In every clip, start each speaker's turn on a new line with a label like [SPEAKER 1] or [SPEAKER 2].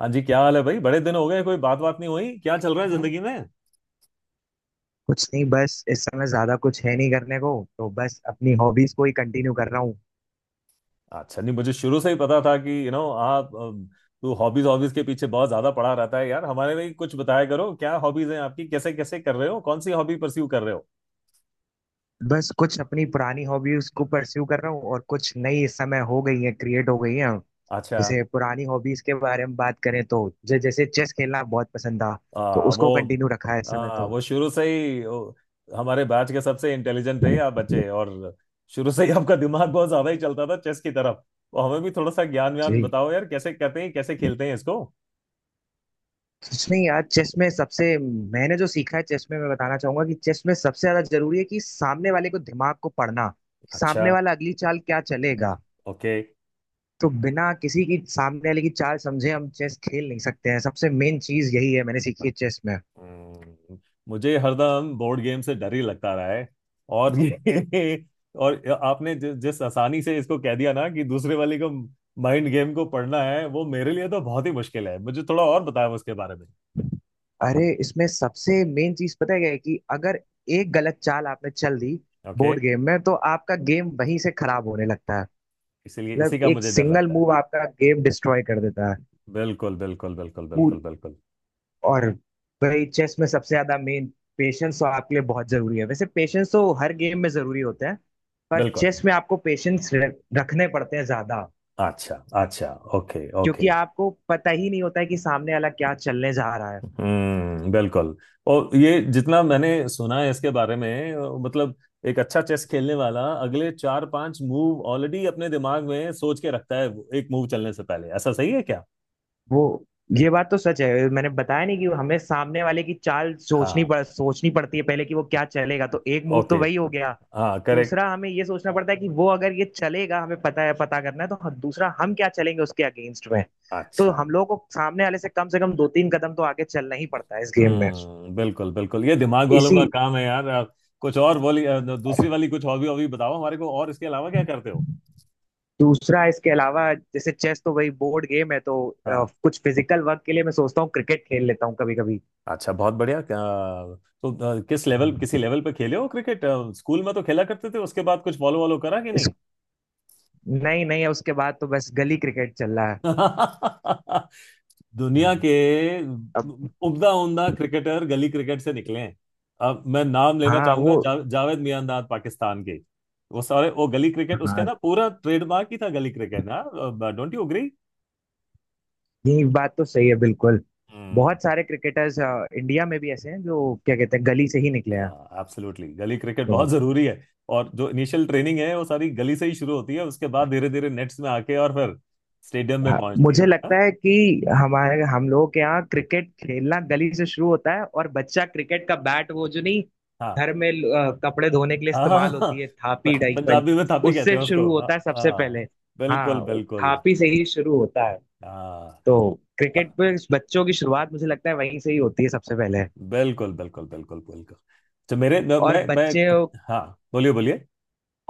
[SPEAKER 1] हाँ जी। क्या हाल है भाई? बड़े दिन हो गए, कोई बात बात नहीं हुई। क्या चल रहा है जिंदगी में?
[SPEAKER 2] कुछ नहीं। बस इस समय ज्यादा कुछ है नहीं करने को। तो बस अपनी हॉबीज को ही कंटिन्यू कर रहा हूँ।
[SPEAKER 1] अच्छा, नहीं मुझे शुरू से ही पता था कि यू नो आप तू हॉबीज हॉबीज के पीछे बहुत ज्यादा पड़ा रहता है यार। हमारे लिए कुछ बताया करो, क्या हॉबीज हैं आपकी? कैसे कैसे कर रहे हो? कौन सी हॉबी परस्यू कर रहे हो?
[SPEAKER 2] बस कुछ अपनी पुरानी हॉबीज को परस्यू कर रहा हूँ और कुछ नई इस समय हो गई है, क्रिएट हो गई है।
[SPEAKER 1] अच्छा।
[SPEAKER 2] जैसे पुरानी हॉबीज के बारे में बात करें तो जैसे चेस खेलना बहुत पसंद था। तो
[SPEAKER 1] आ,
[SPEAKER 2] उसको
[SPEAKER 1] वो
[SPEAKER 2] कंटिन्यू रखा है इस समय।
[SPEAKER 1] आ,
[SPEAKER 2] तो
[SPEAKER 1] वो शुरू से ही हमारे बैच के सबसे इंटेलिजेंट थे आप बच्चे। और शुरू से ही आपका दिमाग बहुत ज्यादा ही चलता था चेस की तरफ। तो हमें भी थोड़ा सा ज्ञान व्यान
[SPEAKER 2] जी,
[SPEAKER 1] बताओ यार, कैसे करते हैं, कैसे खेलते हैं इसको?
[SPEAKER 2] कुछ नहीं यार। चेस में सबसे मैंने जो सीखा है चेस में मैं बताना चाहूंगा कि चेस में सबसे ज्यादा जरूरी है कि सामने वाले को, दिमाग को पढ़ना।
[SPEAKER 1] अच्छा।
[SPEAKER 2] सामने वाला अगली चाल क्या चलेगा।
[SPEAKER 1] ओके।
[SPEAKER 2] तो बिना किसी की, सामने वाले की चाल समझे हम चेस खेल नहीं सकते हैं। सबसे मेन चीज यही है, मैंने सीखी है चेस में।
[SPEAKER 1] हम्म, मुझे हरदम बोर्ड गेम से डर ही लगता रहा है। और ये और आपने जिस आसानी से इसको कह दिया ना, कि दूसरे वाले को माइंड गेम को पढ़ना है वो मेरे लिए तो बहुत ही मुश्किल है। मुझे थोड़ा और बताया उसके बारे में।
[SPEAKER 2] अरे इसमें सबसे मेन चीज पता है क्या है कि अगर एक गलत चाल आपने चल दी
[SPEAKER 1] ओके।
[SPEAKER 2] बोर्ड गेम में तो आपका गेम वहीं से खराब होने लगता है।
[SPEAKER 1] इसलिए
[SPEAKER 2] मतलब
[SPEAKER 1] इसी का
[SPEAKER 2] एक
[SPEAKER 1] मुझे डर
[SPEAKER 2] सिंगल
[SPEAKER 1] लगता है।
[SPEAKER 2] मूव आपका गेम डिस्ट्रॉय कर देता है।
[SPEAKER 1] बिल्कुल, बिल्कुल, बिल्कुल, बिल्कुल,
[SPEAKER 2] पूर-
[SPEAKER 1] बिल्कुल,
[SPEAKER 2] और वही चेस में सबसे ज्यादा मेन। पेशेंस तो आपके लिए बहुत जरूरी है। वैसे पेशेंस तो हर गेम में जरूरी होता है, पर
[SPEAKER 1] बिल्कुल।
[SPEAKER 2] चेस में आपको पेशेंस रखने पड़ते हैं ज्यादा।
[SPEAKER 1] अच्छा, अच्छा। Okay, okay.
[SPEAKER 2] क्योंकि आपको पता ही नहीं होता है कि सामने वाला क्या चलने जा रहा है।
[SPEAKER 1] हम्म। बिल्कुल। और ये जितना मैंने सुना है इसके बारे में, मतलब, एक अच्छा चेस खेलने वाला अगले 4-5 मूव ऑलरेडी अपने दिमाग में सोच के रखता है, वो, एक मूव चलने से पहले। ऐसा सही है क्या?
[SPEAKER 2] वो, ये बात तो सच है, मैंने बताया नहीं कि हमें सामने वाले की चाल
[SPEAKER 1] हाँ।
[SPEAKER 2] सोचनी पड़ती है पहले कि वो क्या चलेगा। तो एक मूव तो
[SPEAKER 1] ओके।
[SPEAKER 2] वही हो गया।
[SPEAKER 1] हाँ, करेक्ट।
[SPEAKER 2] दूसरा हमें ये सोचना पड़ता है कि वो अगर ये चलेगा, हमें पता है, पता करना है तो दूसरा हम क्या चलेंगे उसके अगेंस्ट में। तो
[SPEAKER 1] अच्छा।
[SPEAKER 2] हम लोगों को सामने वाले से कम दो तीन कदम तो आगे चलना ही पड़ता है इस गेम में।
[SPEAKER 1] हम्म। बिल्कुल, बिल्कुल, ये दिमाग वालों
[SPEAKER 2] इसी
[SPEAKER 1] का काम है यार। आप कुछ और बोली। दूसरी वाली कुछ हॉबी हॉबी बताओ हमारे को, और इसके अलावा क्या करते हो?
[SPEAKER 2] दूसरा, इसके अलावा जैसे चेस तो वही बोर्ड गेम है। तो
[SPEAKER 1] हाँ।
[SPEAKER 2] कुछ फिजिकल वर्क के लिए मैं सोचता हूँ क्रिकेट खेल लेता हूँ कभी कभी।
[SPEAKER 1] अच्छा, बहुत बढ़िया। तो किसी लेवल पे खेले हो क्रिकेट? स्कूल में तो खेला करते थे, उसके बाद कुछ फॉलो वॉलो करा कि
[SPEAKER 2] इस
[SPEAKER 1] नहीं?
[SPEAKER 2] नहीं नहीं, उसके बाद तो बस गली क्रिकेट चल रहा है।
[SPEAKER 1] दुनिया
[SPEAKER 2] हाँ।
[SPEAKER 1] के
[SPEAKER 2] अब।
[SPEAKER 1] उम्दा उम्दा क्रिकेटर गली क्रिकेट से निकले हैं। अब मैं नाम लेना
[SPEAKER 2] हाँ, वो।
[SPEAKER 1] चाहूंगा, जावेद मियांदाद, पाकिस्तान के। वो सारे, वो गली क्रिकेट, उसका
[SPEAKER 2] हाँ,
[SPEAKER 1] ना पूरा ट्रेडमार्क ही था गली क्रिकेट ना। Don't you agree?
[SPEAKER 2] ये बात तो सही है, बिल्कुल। बहुत सारे क्रिकेटर्स इंडिया में भी ऐसे हैं जो क्या कहते हैं, गली से ही निकले हैं।
[SPEAKER 1] एब्सोल्युटली, गली क्रिकेट
[SPEAKER 2] तो।
[SPEAKER 1] बहुत जरूरी है। और जो इनिशियल ट्रेनिंग है वो सारी गली से ही शुरू होती है, उसके बाद धीरे धीरे नेट्स में आके और फिर स्टेडियम में
[SPEAKER 2] हाँ,
[SPEAKER 1] पहुंचती
[SPEAKER 2] मुझे
[SPEAKER 1] है। हाँ।
[SPEAKER 2] लगता है कि हमारे हम लोगों के यहाँ क्रिकेट खेलना गली से शुरू होता है। और बच्चा क्रिकेट का बैट, वो जो नहीं
[SPEAKER 1] हाँ,
[SPEAKER 2] घर में कपड़े धोने के लिए
[SPEAKER 1] हाँ, हाँ,
[SPEAKER 2] इस्तेमाल
[SPEAKER 1] हाँ।
[SPEAKER 2] होती है, थापी, डाइपल,
[SPEAKER 1] पंजाबी में थापी कहते
[SPEAKER 2] उससे
[SPEAKER 1] हैं उसको।
[SPEAKER 2] शुरू
[SPEAKER 1] हाँ,
[SPEAKER 2] होता है सबसे
[SPEAKER 1] हाँ।
[SPEAKER 2] पहले।
[SPEAKER 1] बिल्कुल,
[SPEAKER 2] हाँ,
[SPEAKER 1] बिल्कुल।
[SPEAKER 2] थापी से ही शुरू होता है।
[SPEAKER 1] हाँ,
[SPEAKER 2] तो क्रिकेट
[SPEAKER 1] हाँ,
[SPEAKER 2] पे बच्चों की शुरुआत मुझे लगता है वहीं से ही होती है सबसे पहले।
[SPEAKER 1] बिल्कुल, बिल्कुल, बिल्कुल, बिल्कुल। तो मेरे
[SPEAKER 2] और बच्चे।
[SPEAKER 1] मैं- हाँ, बोलिए, बोलिए।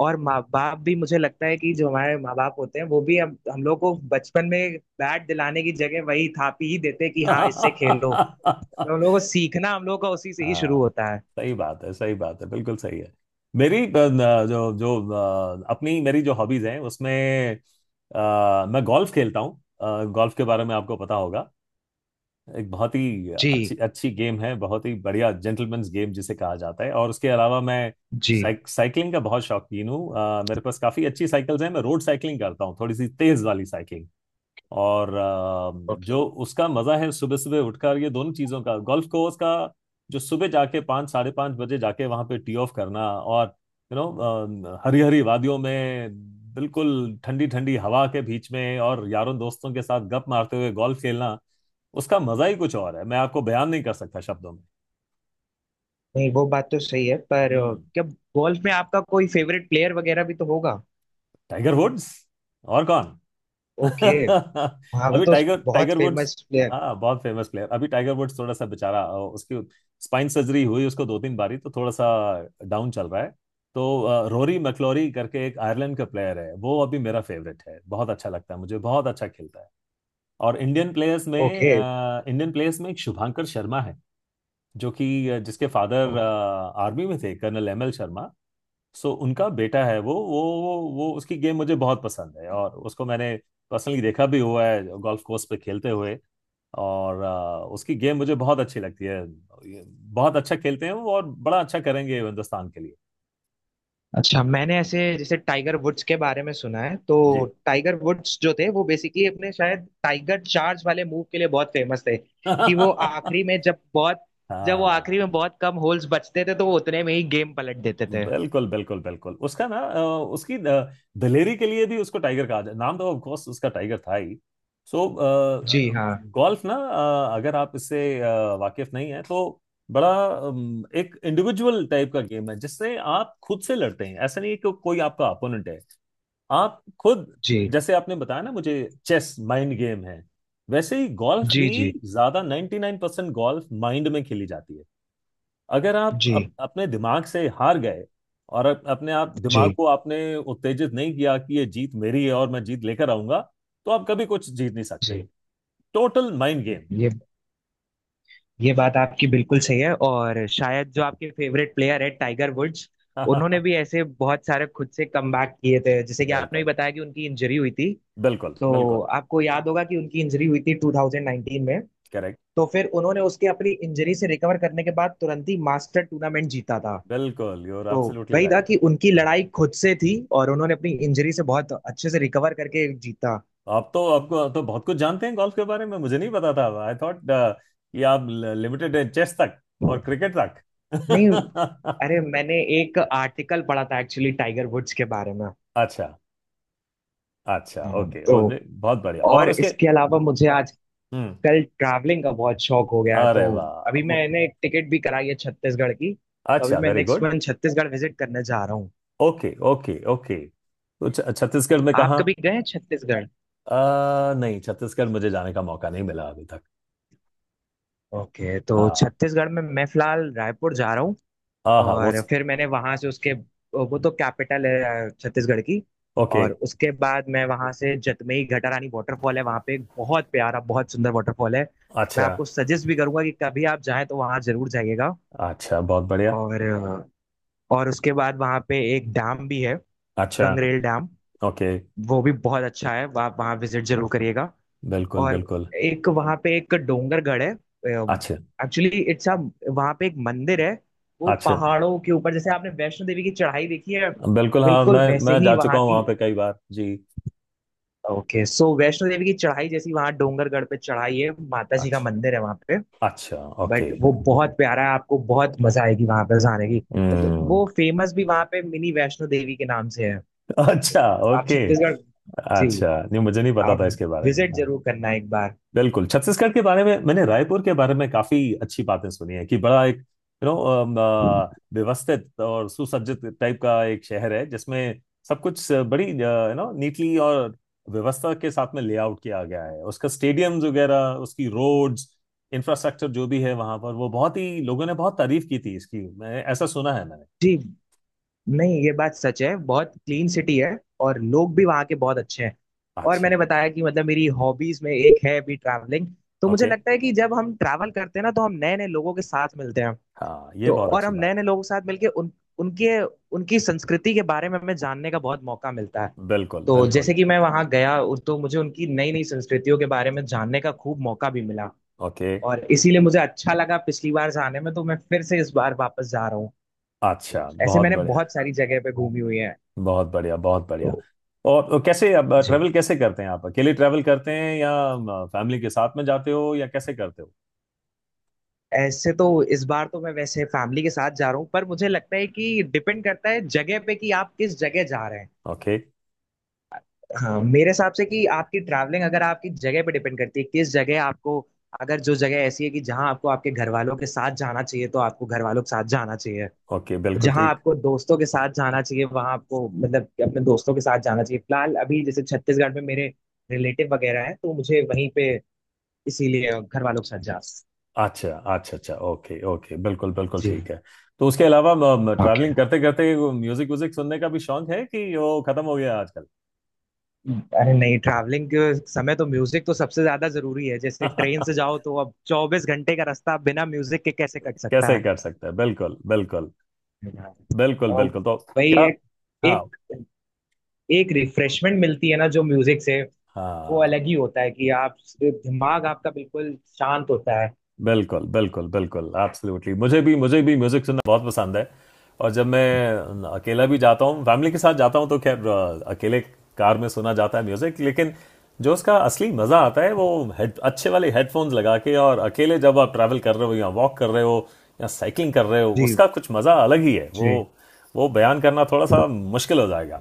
[SPEAKER 2] और माँ बाप भी मुझे लगता है कि जो हमारे माँ बाप होते हैं वो भी हम लोग को बचपन में बैट दिलाने की जगह वही थापी ही देते हैं कि हाँ, इससे खेलो। तो हम लोग का उसी से ही शुरू
[SPEAKER 1] हाँ,
[SPEAKER 2] होता है।
[SPEAKER 1] सही बात है, सही बात है, बिल्कुल सही है। मेरी, जो जो अपनी मेरी जो हॉबीज हैं उसमें, मैं गोल्फ खेलता हूँ। गोल्फ के बारे में आपको पता होगा, एक बहुत ही अच्छी
[SPEAKER 2] जी।
[SPEAKER 1] अच्छी गेम है, बहुत ही बढ़िया जेंटलमैन्स गेम जिसे कहा जाता है। और उसके अलावा मैं
[SPEAKER 2] जी,
[SPEAKER 1] साइकिलिंग का बहुत शौकीन हूँ। मेरे पास काफी अच्छी साइकिल्स हैं, मैं रोड साइकिलिंग करता हूँ, थोड़ी सी तेज वाली साइकिलिंग। और जो उसका मजा है सुबह सुबह उठकर, ये दोनों चीजों का, गोल्फ कोर्स का, जो सुबह जाके 5, 5:30 बजे जाके वहां पे टी ऑफ करना, और यू नो, हरी हरी वादियों में, बिल्कुल ठंडी ठंडी हवा के बीच में, और यारों दोस्तों के साथ गप मारते हुए गोल्फ खेलना, उसका मजा ही कुछ और है, मैं आपको बयान नहीं कर सकता शब्दों में।
[SPEAKER 2] नहीं वो बात तो सही है, पर
[SPEAKER 1] हम्म।
[SPEAKER 2] क्या गोल्फ में आपका कोई फेवरेट प्लेयर वगैरह भी तो होगा।
[SPEAKER 1] Tiger Woods. और कौन?
[SPEAKER 2] ओके। हाँ, वो
[SPEAKER 1] अभी
[SPEAKER 2] तो
[SPEAKER 1] टाइगर
[SPEAKER 2] बहुत
[SPEAKER 1] टाइगर वुड्स।
[SPEAKER 2] Famous player.
[SPEAKER 1] हाँ, बहुत फेमस प्लेयर। अभी टाइगर वुड्स थोड़ा सा बेचारा, उसकी स्पाइन सर्जरी हुई उसको 2-3 बारी, तो थोड़ा सा डाउन चल रहा है। तो रोरी मैकलोरी करके एक आयरलैंड का प्लेयर है, वो अभी मेरा फेवरेट है, बहुत अच्छा लगता है मुझे, बहुत अच्छा खेलता है। और इंडियन प्लेयर्स में
[SPEAKER 2] ओके,
[SPEAKER 1] अ, इंडियन प्लेयर्स में एक शुभांकर शर्मा है, जिसके फादर आर्मी में थे, colonel M L Sharma. So उनका बेटा है, वो उसकी गेम मुझे बहुत पसंद है, और उसको मैंने पर्सनली देखा भी हुआ है गोल्फ कोर्स पे खेलते हुए। और उसकी गेम मुझे बहुत अच्छी लगती है, ये बहुत अच्छा खेलते हैं वो और बड़ा अच्छा करेंगे हिंदुस्तान के लिए।
[SPEAKER 2] अच्छा। मैंने ऐसे जैसे टाइगर वुड्स के बारे में सुना है। तो
[SPEAKER 1] जी।
[SPEAKER 2] टाइगर वुड्स जो थे वो बेसिकली अपने शायद टाइगर चार्ज वाले मूव के लिए बहुत फेमस थे, कि वो आखिरी में जब वो आखिरी
[SPEAKER 1] हाँ,
[SPEAKER 2] में बहुत कम होल्स बचते थे तो वो उतने में ही गेम पलट देते थे।
[SPEAKER 1] बिल्कुल, बिल्कुल, बिल्कुल, उसकी दिलेरी के लिए भी उसको टाइगर कहा जाए, नाम तो ऑफ कोर्स उसका टाइगर था ही। सो
[SPEAKER 2] जी हाँ।
[SPEAKER 1] गोल्फ ना, अगर आप इससे वाकिफ नहीं है तो बड़ा एक इंडिविजुअल टाइप का गेम है, जिससे आप खुद से लड़ते हैं, ऐसा नहीं है कि कोई आपका अपोनेंट है, आप खुद।
[SPEAKER 2] जी,
[SPEAKER 1] जैसे आपने बताया ना मुझे चेस माइंड गेम है, वैसे ही गोल्फ
[SPEAKER 2] जी,
[SPEAKER 1] भी।
[SPEAKER 2] जी,
[SPEAKER 1] ज्यादा 99% गोल्फ माइंड में खेली जाती है। अगर आप
[SPEAKER 2] जी,
[SPEAKER 1] अपने दिमाग से हार गए और अपने आप दिमाग
[SPEAKER 2] जी,
[SPEAKER 1] को आपने उत्तेजित नहीं किया कि ये जीत मेरी है और मैं जीत लेकर आऊंगा, तो आप कभी कुछ जीत नहीं सकते।
[SPEAKER 2] जी।
[SPEAKER 1] Total mind game.
[SPEAKER 2] ये ये बात आपकी बिल्कुल सही है, और शायद जो आपके फेवरेट प्लेयर है टाइगर वुड्स, उन्होंने भी ऐसे बहुत सारे खुद से कमबैक किए थे, जैसे कि आपने भी
[SPEAKER 1] बिल्कुल,
[SPEAKER 2] बताया कि उनकी इंजरी हुई थी।
[SPEAKER 1] बिल्कुल,
[SPEAKER 2] तो
[SPEAKER 1] बिल्कुल
[SPEAKER 2] आपको याद होगा कि उनकी इंजरी हुई थी 2019 में।
[SPEAKER 1] करेक्ट।
[SPEAKER 2] तो फिर उन्होंने उसके, अपनी इंजरी से रिकवर करने के बाद तुरंत ही मास्टर टूर्नामेंट जीता था।
[SPEAKER 1] बिल्कुल, यू आर
[SPEAKER 2] तो
[SPEAKER 1] एब्सोल्युटली
[SPEAKER 2] वही था
[SPEAKER 1] राइट।
[SPEAKER 2] कि उनकी लड़ाई खुद से थी, और उन्होंने अपनी इंजरी से बहुत अच्छे से रिकवर करके जीता।
[SPEAKER 1] आप तो आपको तो बहुत कुछ जानते हैं गोल्फ के बारे में, मुझे नहीं पता था, आई थॉट कि आप लिमिटेड हैं चेस तक और क्रिकेट
[SPEAKER 2] नहीं,
[SPEAKER 1] तक।
[SPEAKER 2] अरे मैंने एक आर्टिकल पढ़ा था एक्चुअली टाइगर वुड्स के बारे में।
[SPEAKER 1] अच्छा, अच्छा,
[SPEAKER 2] हाँ,
[SPEAKER 1] ओके।
[SPEAKER 2] तो
[SPEAKER 1] बहुत बढ़िया। और
[SPEAKER 2] और
[SPEAKER 1] उसके,
[SPEAKER 2] इसके अलावा मुझे आजकल
[SPEAKER 1] हम्म,
[SPEAKER 2] ट्रैवलिंग का बहुत शौक हो गया है। तो
[SPEAKER 1] अरे वाह,
[SPEAKER 2] अभी मैंने टिकट भी कराई है छत्तीसगढ़ की। तो अभी
[SPEAKER 1] अच्छा,
[SPEAKER 2] मैं
[SPEAKER 1] very
[SPEAKER 2] next
[SPEAKER 1] good.
[SPEAKER 2] Month Chhattisgarh visit करने जा रहा।
[SPEAKER 1] Okay, okay, okay. तो छत्तीसगढ़ में
[SPEAKER 2] आप
[SPEAKER 1] कहाँ?
[SPEAKER 2] कभी गए हैं छत्तीसगढ़?
[SPEAKER 1] नहीं, छत्तीसगढ़ मुझे जाने का मौका नहीं मिला अभी तक।
[SPEAKER 2] ओके, तो
[SPEAKER 1] हाँ,
[SPEAKER 2] छत्तीसगढ़ में मैं फिलहाल रायपुर जा रहा हूँ।
[SPEAKER 1] हाँ, हाँ, वो
[SPEAKER 2] और फिर मैंने वहां से, उसके, वो तो कैपिटल है छत्तीसगढ़ की।
[SPEAKER 1] ओके।
[SPEAKER 2] और उसके बाद मैं वहां से, जतमई घटारानी वाटरफॉल है, वहां पे एक बहुत प्यारा, बहुत सुंदर वाटरफॉल है। मैं
[SPEAKER 1] अच्छा,
[SPEAKER 2] आपको सजेस्ट भी करूंगा कि कभी आप जाएं तो वहां जरूर जाइएगा।
[SPEAKER 1] अच्छा। बहुत बढ़िया।
[SPEAKER 2] और अ, और उसके बाद वहां पे एक डैम भी है।
[SPEAKER 1] अच्छा,
[SPEAKER 2] गंगरेल डैम।
[SPEAKER 1] ओके,
[SPEAKER 2] वो भी बहुत अच्छा है, आप वहां विजिट जरूर करिएगा।
[SPEAKER 1] बिल्कुल,
[SPEAKER 2] और
[SPEAKER 1] बिल्कुल,
[SPEAKER 2] एक वहां पे एक डोंगरगढ़ है।
[SPEAKER 1] अच्छा,
[SPEAKER 2] एक्चुअली इट्स अ, वहां पे एक मंदिर है। वो
[SPEAKER 1] अच्छा,
[SPEAKER 2] पहाड़ों के ऊपर, जैसे आपने वैष्णो देवी की चढ़ाई देखी है,
[SPEAKER 1] बिल्कुल। हाँ,
[SPEAKER 2] बिल्कुल
[SPEAKER 1] मैं
[SPEAKER 2] वैसे
[SPEAKER 1] मैं
[SPEAKER 2] ही
[SPEAKER 1] जा चुका
[SPEAKER 2] वहां
[SPEAKER 1] हूँ वहाँ
[SPEAKER 2] की।
[SPEAKER 1] पे कई बार जी।
[SPEAKER 2] ओके, सो वैष्णो देवी की चढ़ाई जैसी वहां डोंगरगढ़ पे चढ़ाई है, माता जी का
[SPEAKER 1] अच्छा,
[SPEAKER 2] मंदिर है वहां पे।
[SPEAKER 1] अच्छा, ओके,
[SPEAKER 2] बट वो बहुत प्यारा है, आपको बहुत मजा आएगी वहां पे जाने की। मतलब
[SPEAKER 1] हम्म।
[SPEAKER 2] वो फेमस भी वहां पे मिनी वैष्णो देवी के नाम से है।
[SPEAKER 1] अच्छा,
[SPEAKER 2] तो आप
[SPEAKER 1] ओके।
[SPEAKER 2] छत्तीसगढ़। जी,
[SPEAKER 1] अच्छा, नहीं मुझे नहीं पता
[SPEAKER 2] आप
[SPEAKER 1] था इसके बारे में।
[SPEAKER 2] विजिट
[SPEAKER 1] हाँ।
[SPEAKER 2] जरूर करना एक बार।
[SPEAKER 1] बिल्कुल। छत्तीसगढ़ के बारे में, मैंने रायपुर के बारे में काफी अच्छी बातें सुनी है, कि बड़ा एक, यू नो, व्यवस्थित और सुसज्जित टाइप का एक शहर है, जिसमें सब कुछ बड़ी, यू नो, नीटली और व्यवस्था के साथ में लेआउट किया गया है, उसका स्टेडियम्स वगैरह, उसकी रोड्स, इंफ्रास्ट्रक्चर जो भी है वहां पर वो, बहुत ही लोगों ने बहुत तारीफ की थी इसकी, मैं ऐसा सुना है मैंने।
[SPEAKER 2] जी, नहीं ये बात सच है, बहुत क्लीन सिटी है। और लोग भी वहाँ के बहुत अच्छे हैं। और
[SPEAKER 1] अच्छा।
[SPEAKER 2] मैंने बताया कि, मतलब, मेरी हॉबीज में एक है भी ट्रैवलिंग। तो मुझे
[SPEAKER 1] ओके,
[SPEAKER 2] लगता है कि जब हम ट्रैवल करते हैं ना, तो हम नए नए लोगों के साथ मिलते हैं।
[SPEAKER 1] हाँ, ये
[SPEAKER 2] तो
[SPEAKER 1] बहुत
[SPEAKER 2] और
[SPEAKER 1] अच्छी
[SPEAKER 2] हम नए
[SPEAKER 1] बात
[SPEAKER 2] नए लोगों के साथ मिलके उन उनके उनकी संस्कृति के बारे में हमें जानने का बहुत मौका मिलता है।
[SPEAKER 1] है। बिल्कुल,
[SPEAKER 2] तो
[SPEAKER 1] बिल्कुल,
[SPEAKER 2] जैसे कि मैं वहाँ गया तो मुझे उनकी नई नई संस्कृतियों के बारे में जानने का खूब मौका भी मिला।
[SPEAKER 1] ओके।
[SPEAKER 2] और इसीलिए मुझे अच्छा लगा पिछली बार जाने में, तो मैं फिर से इस बार वापस जा रहा हूँ।
[SPEAKER 1] अच्छा,
[SPEAKER 2] ऐसे
[SPEAKER 1] बहुत
[SPEAKER 2] मैंने
[SPEAKER 1] बढ़िया,
[SPEAKER 2] बहुत सारी जगह पे घूमी हुई है।
[SPEAKER 1] बहुत बढ़िया, बहुत
[SPEAKER 2] तो।
[SPEAKER 1] बढ़िया। और कैसे, अब
[SPEAKER 2] जी,
[SPEAKER 1] ट्रैवल कैसे करते हैं? आप अकेले ट्रैवल करते हैं या फैमिली के साथ में जाते हो, या कैसे करते हो?
[SPEAKER 2] ऐसे तो इस बार तो मैं वैसे फैमिली के साथ जा रहा हूँ, पर मुझे लगता है कि डिपेंड करता है जगह पे कि आप किस जगह जा रहे हैं।
[SPEAKER 1] ओके,
[SPEAKER 2] हाँ, मेरे हिसाब से कि आपकी ट्रैवलिंग अगर आपकी जगह पे डिपेंड करती है, किस जगह आपको। अगर जो जगह ऐसी है कि जहाँ आपको आपके घर वालों के साथ जाना चाहिए तो आपको घर वालों के साथ जाना चाहिए।
[SPEAKER 1] ओके, बिल्कुल
[SPEAKER 2] जहाँ
[SPEAKER 1] ठीक।
[SPEAKER 2] आपको दोस्तों के साथ जाना चाहिए, वहाँ आपको, मतलब, कि अपने दोस्तों के साथ जाना चाहिए। फिलहाल अभी जैसे छत्तीसगढ़ में मेरे रिलेटिव वगैरह हैं, तो मुझे वहीं पे, इसीलिए घर वालों के साथ जा।
[SPEAKER 1] अच्छा, अच्छा, अच्छा, ओके, ओके, बिल्कुल, बिल्कुल
[SPEAKER 2] जी।
[SPEAKER 1] ठीक है। तो उसके अलावा,
[SPEAKER 2] ओके।
[SPEAKER 1] ट्रैवलिंग करते करते म्यूजिक व्यूजिक सुनने का भी शौक है कि वो खत्म हो गया आजकल?
[SPEAKER 2] अरे नहीं, ट्रैवलिंग के समय तो म्यूजिक तो सबसे ज्यादा जरूरी है। जैसे ट्रेन से जाओ, तो अब 24 घंटे का रास्ता बिना म्यूजिक के कैसे कट सकता
[SPEAKER 1] कैसे
[SPEAKER 2] है?
[SPEAKER 1] कर सकते हैं? बिल्कुल, बिल्कुल, बिल्कुल,
[SPEAKER 2] और
[SPEAKER 1] बिल्कुल। तो
[SPEAKER 2] वही,
[SPEAKER 1] क्या?
[SPEAKER 2] एक
[SPEAKER 1] हाँ,
[SPEAKER 2] एक एक रिफ्रेशमेंट मिलती है ना जो म्यूजिक से, वो
[SPEAKER 1] हाँ,
[SPEAKER 2] अलग ही होता है, कि आप, दिमाग आपका बिल्कुल शांत होता है।
[SPEAKER 1] बिल्कुल, बिल्कुल, बिल्कुल, एब्सोल्युटली मुझे भी म्यूजिक सुनना बहुत पसंद है। और जब मैं अकेला भी जाता हूँ, फैमिली के साथ जाता हूँ, तो खैर, अकेले कार में सुना जाता है म्यूजिक, लेकिन जो उसका असली मजा आता है वो, हेड अच्छे वाले हेडफोन्स लगा के, और अकेले जब आप ट्रैवल कर रहे हो या वॉक कर रहे हो या साइकिलिंग कर रहे हो,
[SPEAKER 2] जी,
[SPEAKER 1] उसका कुछ मजा अलग ही है। वो
[SPEAKER 2] जी।
[SPEAKER 1] वो बयान करना थोड़ा सा मुश्किल हो जाएगा।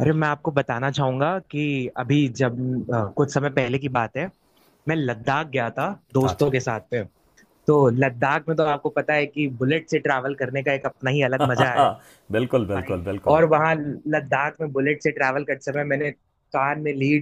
[SPEAKER 2] अरे मैं आपको बताना चाहूंगा कि अभी जब, कुछ समय पहले की बात है, मैं लद्दाख गया था दोस्तों
[SPEAKER 1] अच्छा।
[SPEAKER 2] के साथ में। तो लद्दाख में तो आपको पता है कि बुलेट से ट्रैवल करने का एक अपना ही अलग मजा है,
[SPEAKER 1] बिल्कुल,
[SPEAKER 2] भाई।
[SPEAKER 1] बिल्कुल, बिल्कुल।
[SPEAKER 2] और वहाँ लद्दाख में बुलेट से ट्रैवल करते समय मैंने कान में लीड